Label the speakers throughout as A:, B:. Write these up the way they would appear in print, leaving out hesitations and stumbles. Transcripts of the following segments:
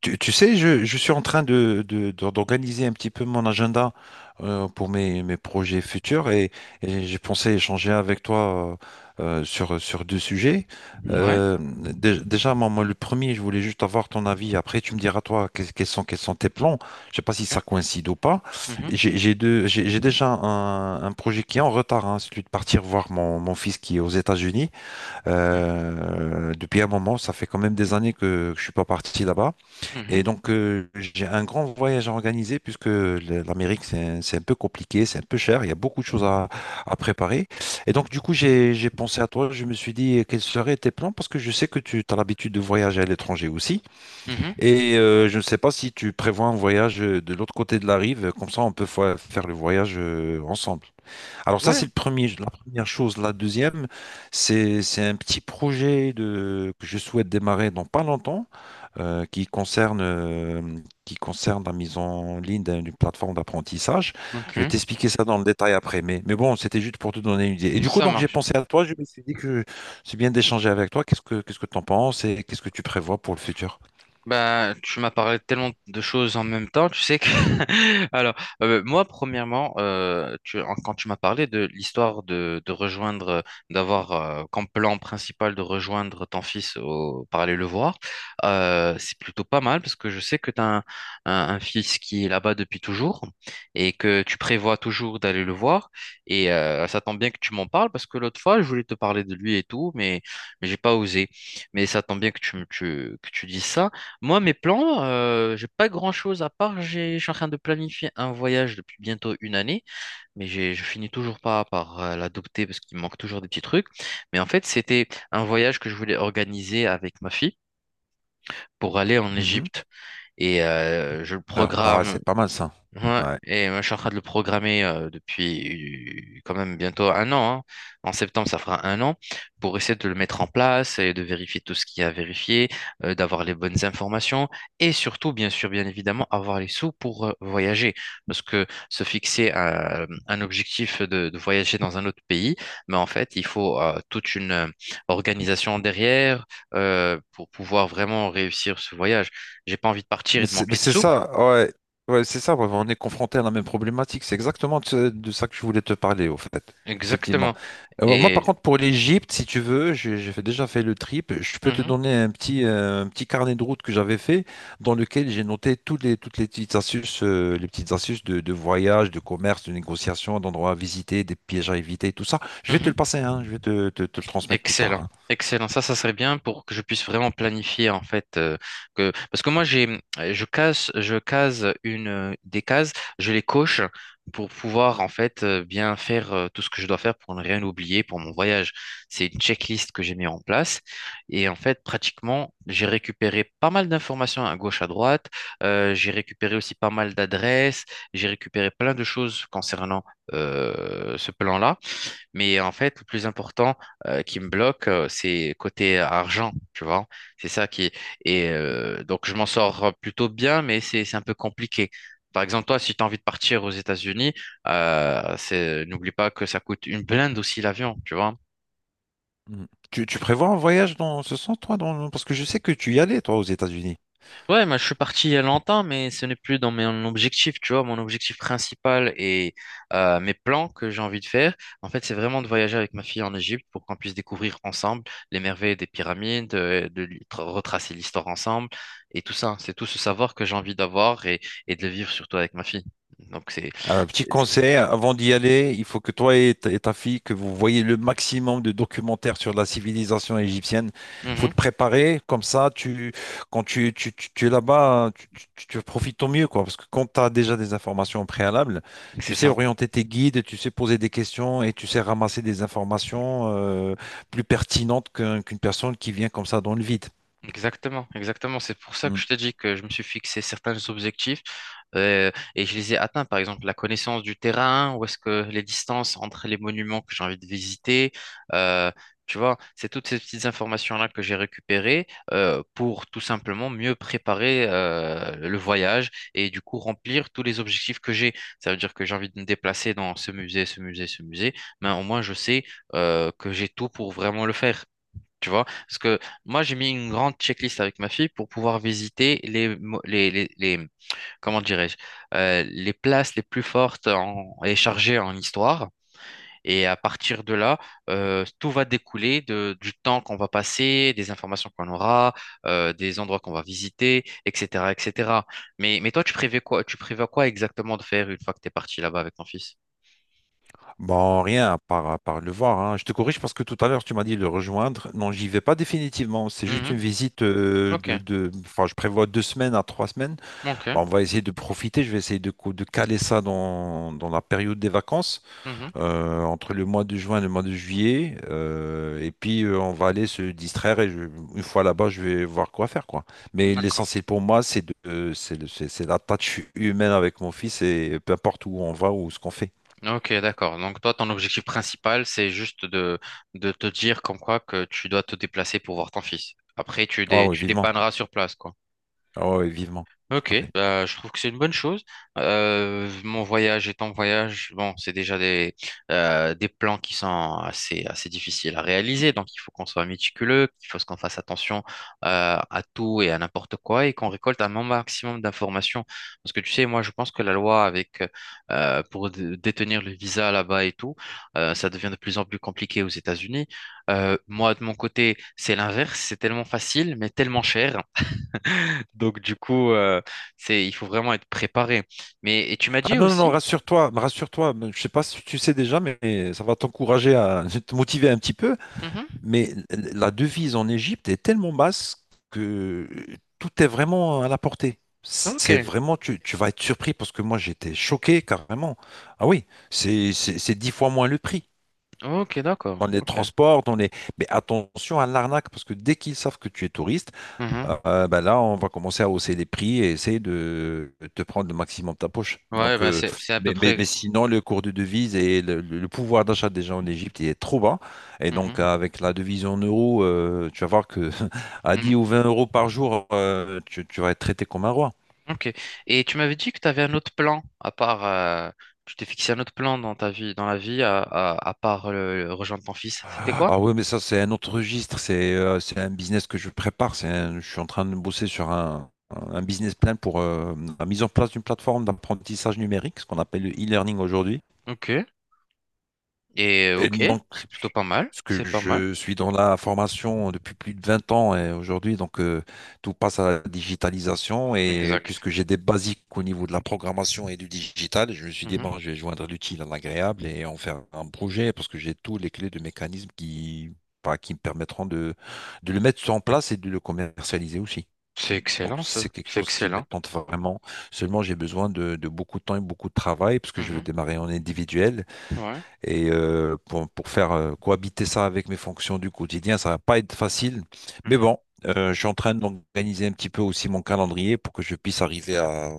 A: Tu sais, je suis en train d'organiser un petit peu mon agenda pour mes projets futurs et j'ai pensé échanger avec toi sur deux sujets.
B: Ouais,
A: Déjà, moi, le premier, je voulais juste avoir ton avis. Après, tu me diras, toi, quels sont tes plans. Je sais pas si ça
B: ok.
A: coïncide ou pas.
B: Mhm.
A: J'ai déjà un projet qui est en retard, hein, celui de partir voir mon fils qui est aux États-Unis.
B: Ok.
A: Depuis un moment, ça fait quand même des années que je suis pas parti là-bas.
B: Mhm.
A: Et donc, j'ai un grand voyage à organiser puisque l'Amérique, c'est un peu compliqué, c'est un peu cher, il y a beaucoup de choses à préparer. Et donc, du coup, j'ai pensé à toi, je me suis dit, quels seraient tes plans? Parce que je sais que tu as l'habitude de voyager à l'étranger aussi.
B: Mhm.
A: Et je ne sais pas si tu prévois un voyage de l'autre côté de la rive, comme ça, on peut faire le voyage ensemble. Alors, ça,
B: Ouais,
A: c'est le premier, la première chose. La deuxième, c'est un petit projet que je souhaite démarrer dans pas longtemps euh, qui concerne, euh, qui concerne la mise en ligne d'une plateforme d'apprentissage. Je vais
B: ok.
A: t'expliquer ça dans le détail après, mais bon, c'était juste pour te donner une idée. Et du coup,
B: Ça
A: donc, j'ai
B: marche.
A: pensé à toi, je me suis dit que c'est bien d'échanger avec toi. Qu'est-ce que tu en penses et qu'est-ce que tu prévois pour le futur?
B: Ben, tu m'as parlé de tellement de choses en même temps, tu sais que... Alors, moi, premièrement, quand tu m'as parlé de l'histoire de rejoindre, d'avoir comme plan principal de rejoindre ton fils par aller le voir, c'est plutôt pas mal parce que je sais que tu as un, un fils qui est là-bas depuis toujours et que tu prévois toujours d'aller le voir. Et ça tombe bien que tu m'en parles parce que l'autre fois, je voulais te parler de lui et tout, mais j'ai pas osé. Mais ça tombe bien que tu dises ça. Moi, mes plans, j'ai pas grand-chose à part. Je suis en train de planifier un voyage depuis bientôt une année, mais je finis toujours pas par l'adopter parce qu'il me manque toujours des petits trucs. Mais en fait, c'était un voyage que je voulais organiser avec ma fille pour aller en
A: Mhm.
B: Égypte. Et je le
A: Ah, ah,
B: programme.
A: c'est pas mal ça.
B: Ouais,
A: Ouais.
B: et moi je suis en train de le programmer depuis quand même bientôt un an, hein. En septembre, ça fera un an pour essayer de le mettre en place et de vérifier tout ce qu'il y a à vérifier, d'avoir les bonnes informations et surtout, bien sûr, bien évidemment, avoir les sous pour voyager. Parce que se fixer un objectif de voyager dans un autre pays, mais en fait, il faut toute une organisation derrière pour pouvoir vraiment réussir ce voyage. J'ai pas envie de partir et
A: Mais
B: de
A: c'est mais
B: manquer de
A: c'est
B: sous.
A: ça, ouais, ouais, c'est ça, ouais, on est confronté à la même problématique. C'est exactement de ça que je voulais te parler, au fait, effectivement.
B: Exactement.
A: Moi, par
B: Et
A: contre, pour l'Égypte, si tu veux, déjà fait le trip. Je peux te
B: mhm,
A: donner un petit carnet de route que j'avais fait, dans lequel j'ai noté toutes les petites astuces, de voyage, de commerce, de négociation, d'endroits à visiter, des pièges à éviter, tout ça. Je vais te le
B: mhm.
A: passer, hein, je vais te le transmettre plus
B: Excellent,
A: tard, hein.
B: excellent. Ça serait bien pour que je puisse vraiment planifier en fait, que parce que moi j'ai je case une des cases, je les coche pour pouvoir en fait bien faire tout ce que je dois faire pour ne rien oublier pour mon voyage. C'est une checklist que j'ai mis en place et en fait pratiquement j'ai récupéré pas mal d'informations à gauche à droite. J'ai récupéré aussi pas mal d'adresses. J'ai récupéré plein de choses concernant ce plan-là. Mais en fait, le plus important qui me bloque, c'est côté argent, tu vois. C'est ça qui, et donc je m'en sors plutôt bien, mais c'est un peu compliqué. Par exemple, toi, si tu as envie de partir aux États-Unis, c'est n'oublie pas que ça coûte une blinde aussi l'avion, tu vois.
A: Mm. Tu prévois un voyage dans ce sens, toi, parce que je sais que tu y allais, toi, aux États-Unis.
B: Ouais, moi, je suis parti il y a longtemps, mais ce n'est plus dans mon objectif, tu vois. Mon objectif principal et mes plans que j'ai envie de faire, en fait, c'est vraiment de voyager avec ma fille en Égypte pour qu'on puisse découvrir ensemble les merveilles des pyramides, retracer l'histoire ensemble et tout ça. C'est tout ce savoir que j'ai envie d'avoir et de le vivre surtout avec ma fille. Donc, c'est,
A: Un petit
B: c'est, c'est
A: conseil, avant d'y aller, il faut que toi et ta fille, que vous voyez le maximum de documentaires sur la civilisation égyptienne. Il faut te
B: mhm,
A: préparer, comme ça, quand tu es là-bas, hein, tu profites au mieux, quoi. Parce que quand tu as déjà des informations préalables, tu
B: c'est
A: sais
B: ça.
A: orienter tes guides, tu sais poser des questions et tu sais ramasser des informations plus pertinentes qu'une personne qui vient comme ça dans le vide.
B: Exactement, exactement. C'est pour ça que
A: Mm.
B: je t'ai dit que je me suis fixé certains objectifs et je les ai atteints. Par exemple, la connaissance du terrain, où est-ce que les distances entre les monuments que j'ai envie de visiter, euh, tu vois, c'est toutes ces petites informations-là que j'ai récupérées pour tout simplement mieux préparer le voyage et du coup remplir tous les objectifs que j'ai. Ça veut dire que j'ai envie de me déplacer dans ce musée, ce musée, ce musée, mais au moins je sais que j'ai tout pour vraiment le faire. Tu vois, parce que moi j'ai mis une grande checklist avec ma fille pour pouvoir visiter les comment dirais-je, les places les plus fortes et chargées en histoire. Et à partir de là, tout va découler du temps qu'on va passer, des informations qu'on aura, des endroits qu'on va visiter, etc., etc. Mais toi, tu prévois quoi exactement de faire une fois que tu es parti là-bas avec ton fils?
A: Bon, rien, à part le voir, hein. Je te corrige parce que tout à l'heure, tu m'as dit de le rejoindre. Non, j'y vais pas définitivement. C'est juste
B: Mhm.
A: une visite
B: Ok,
A: enfin, je prévois 2 semaines à 3 semaines.
B: ok.
A: Bon, on va essayer de profiter. Je vais essayer de caler ça dans la période des vacances,
B: Mhm.
A: entre le mois de juin et le mois de juillet. Et puis, on va aller se distraire. Une fois là-bas, je vais voir quoi faire, quoi. Mais
B: D'accord.
A: l'essentiel pour moi, c'est de, c'est, le- c'est la tâche humaine avec mon fils et peu importe où on va ou ce qu'on fait.
B: Ok, d'accord. Donc toi, ton objectif principal, c'est juste de te dire comme quoi que tu dois te déplacer pour voir ton fils. Après,
A: Ah oui,
B: tu
A: vivement.
B: dépanneras sur place, quoi.
A: Ah ouais, vivement, tout
B: Ok,
A: à fait.
B: bah, je trouve que c'est une bonne chose. Mon voyage et ton voyage, bon, c'est déjà des plans qui sont assez, assez difficiles à réaliser. Donc, il faut qu'on soit méticuleux, il faut qu'on fasse attention à tout et à n'importe quoi et qu'on récolte un maximum d'informations. Parce que tu sais, moi, je pense que la loi avec pour détenir le visa là-bas et tout, ça devient de plus en plus compliqué aux États-Unis. Moi, de mon côté, c'est l'inverse. C'est tellement facile, mais tellement cher. Donc, du coup, il faut vraiment être préparé. Mais, et tu m'as
A: Ah
B: dit
A: non, non, non,
B: aussi?
A: rassure-toi. Je sais pas si tu sais déjà, mais ça va t'encourager à te motiver un petit peu.
B: Mhm.
A: Mais la devise en Égypte est tellement basse que tout est vraiment à la portée. C'est
B: Ok,
A: vraiment, tu vas être surpris parce que moi j'étais choqué carrément. Ah oui, c'est 10 fois moins le prix.
B: ok, d'accord.
A: On les
B: Ok.
A: transporte, on les... Mais attention à l'arnaque, parce que dès qu'ils savent que tu es touriste,
B: Mhm.
A: bah là, on va commencer à hausser les prix et essayer de te prendre le maximum de ta poche.
B: Ouais, ben c'est à peu
A: Mais
B: près.
A: sinon, le cours de devise et le pouvoir d'achat des gens en Égypte, il est trop bas. Et donc,
B: Mhm.
A: avec la devise en euros, tu vas voir que à
B: Mhm.
A: 10 ou 20 € par jour, tu vas être traité comme un roi.
B: Ok. Et tu m'avais dit que tu avais un autre plan, à part. Tu t'es fixé un autre plan dans ta vie, dans la vie, à part rejoindre ton fils. C'était quoi?
A: Ah oui, mais ça, c'est un autre registre. C'est un business que je prépare. Je suis en train de bosser sur un business plan pour la mise en place d'une plateforme d'apprentissage numérique, ce qu'on appelle le e-learning aujourd'hui.
B: Ok. Et
A: Et
B: ok,
A: donc,
B: c'est plutôt pas mal.
A: parce que
B: C'est pas mal.
A: je suis dans la formation depuis plus de 20 ans et aujourd'hui, donc tout passe à la digitalisation et
B: Exact.
A: puisque j'ai des basiques au niveau de la programmation et du digital, je me suis dit,
B: Mhm.
A: bon, je vais joindre l'utile à l'agréable et en faire un projet parce que j'ai tous les clés de mécanismes qui, bah, qui me permettront de le mettre en place et de le commercialiser aussi.
B: C'est
A: Donc,
B: excellent,
A: c'est
B: ça.
A: quelque
B: C'est
A: chose qui me
B: excellent.
A: tente vraiment. Seulement, j'ai besoin de beaucoup de temps et beaucoup de travail parce que je veux
B: Mhm.
A: démarrer en individuel
B: Ouais.
A: et pour faire cohabiter ça avec mes fonctions du quotidien, ça va pas être facile. Mais
B: Mhm.
A: bon, je suis en train d'organiser un petit peu aussi mon calendrier pour que je puisse arriver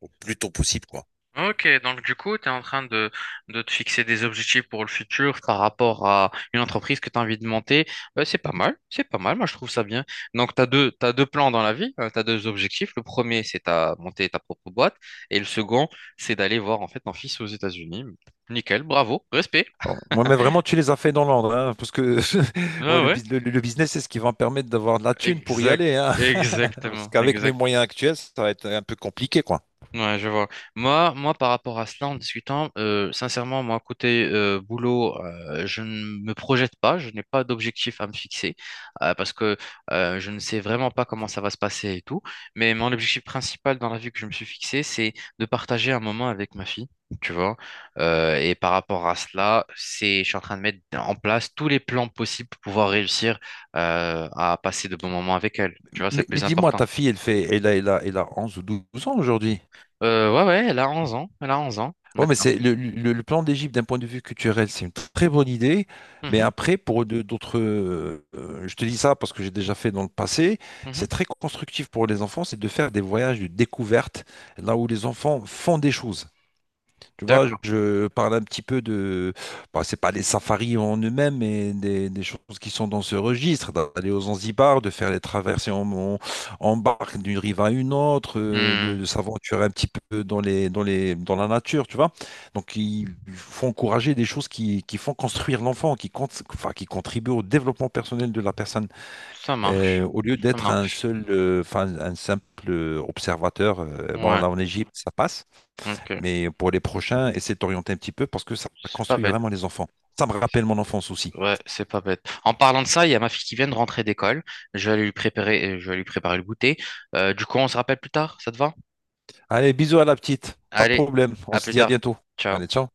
A: au plus tôt possible, quoi.
B: Ok, donc du coup, tu es en train de te fixer des objectifs pour le futur par rapport à une entreprise que tu as envie de monter. C'est pas mal, c'est pas mal, moi je trouve ça bien. Donc t'as deux plans dans la vie, tu as deux objectifs. Le premier, c'est de monter ta propre boîte. Et le second, c'est d'aller voir en fait ton fils aux États-Unis. Nickel, bravo, respect.
A: Bon, moi, mais vraiment, tu les as fait dans l'ordre, hein, parce que ouais,
B: Ah
A: le,
B: ouais,
A: bus- le- le business, c'est ce qui va me permettre d'avoir de la thune pour y
B: exact,
A: aller, hein. Parce
B: exactement,
A: qu'avec mes
B: exactement.
A: moyens actuels, ça va être un peu compliqué, quoi.
B: Ouais, je vois. Moi, par rapport à cela, en discutant, sincèrement, moi, côté boulot, je ne me projette pas, je n'ai pas d'objectif à me fixer parce que je ne sais vraiment pas comment ça va se passer et tout. Mais mon objectif principal dans la vie que je me suis fixé, c'est de partager un moment avec ma fille, tu vois. Et par rapport à cela, je suis en train de mettre en place tous les plans possibles pour pouvoir réussir à passer de bons moments avec elle. Tu vois, c'est le
A: Mais
B: plus
A: dis-moi,
B: important.
A: ta fille, elle fait, elle a, elle a, elle a 11 ou 12 ans aujourd'hui.
B: Ouais, ouais, elle a 11 ans, elle a 11 ans
A: Ouais, mais
B: maintenant.
A: c'est le plan d'Égypte d'un point de vue culturel, c'est une très bonne idée. Mais
B: Mhm,
A: après, pour d'autres, je te dis ça parce que j'ai déjà fait dans le passé,
B: mhm.
A: c'est
B: Ouais.
A: très constructif pour les enfants, c'est de faire des voyages de découverte, là où les enfants font des choses. Tu vois,
B: D'accord.
A: je parle un petit peu bah, c'est pas des safaris en eux-mêmes, mais des choses qui sont dans ce registre, d'aller aux Zanzibar, de faire les traversées en barque d'une rive à une autre, de,
B: Hmm.
A: de s'aventurer un petit peu dans dans la nature, tu vois. Donc, il faut encourager des choses qui font construire l'enfant, qui contribuent au développement personnel de la personne,
B: Ça, ouais, marche.
A: Au lieu
B: Ça
A: d'être
B: marche.
A: un simple observateur. Bon,
B: Ouais.
A: là, en Égypte, ça passe.
B: Ok.
A: Mais pour les prochains, essaie de t'orienter un petit peu parce que ça
B: C'est pas
A: construit
B: bête.
A: vraiment les enfants. Ça me rappelle mon enfance aussi.
B: Ouais, c'est pas bête. En parlant de ça, il y a ma fille qui vient de rentrer d'école. Je vais lui préparer le goûter. Du coup, on se rappelle plus tard, ça te va?
A: Allez, bisous à la petite. Pas de
B: Allez,
A: problème. On
B: à
A: se
B: plus
A: dit à
B: tard.
A: bientôt.
B: Ciao.
A: Allez, ciao.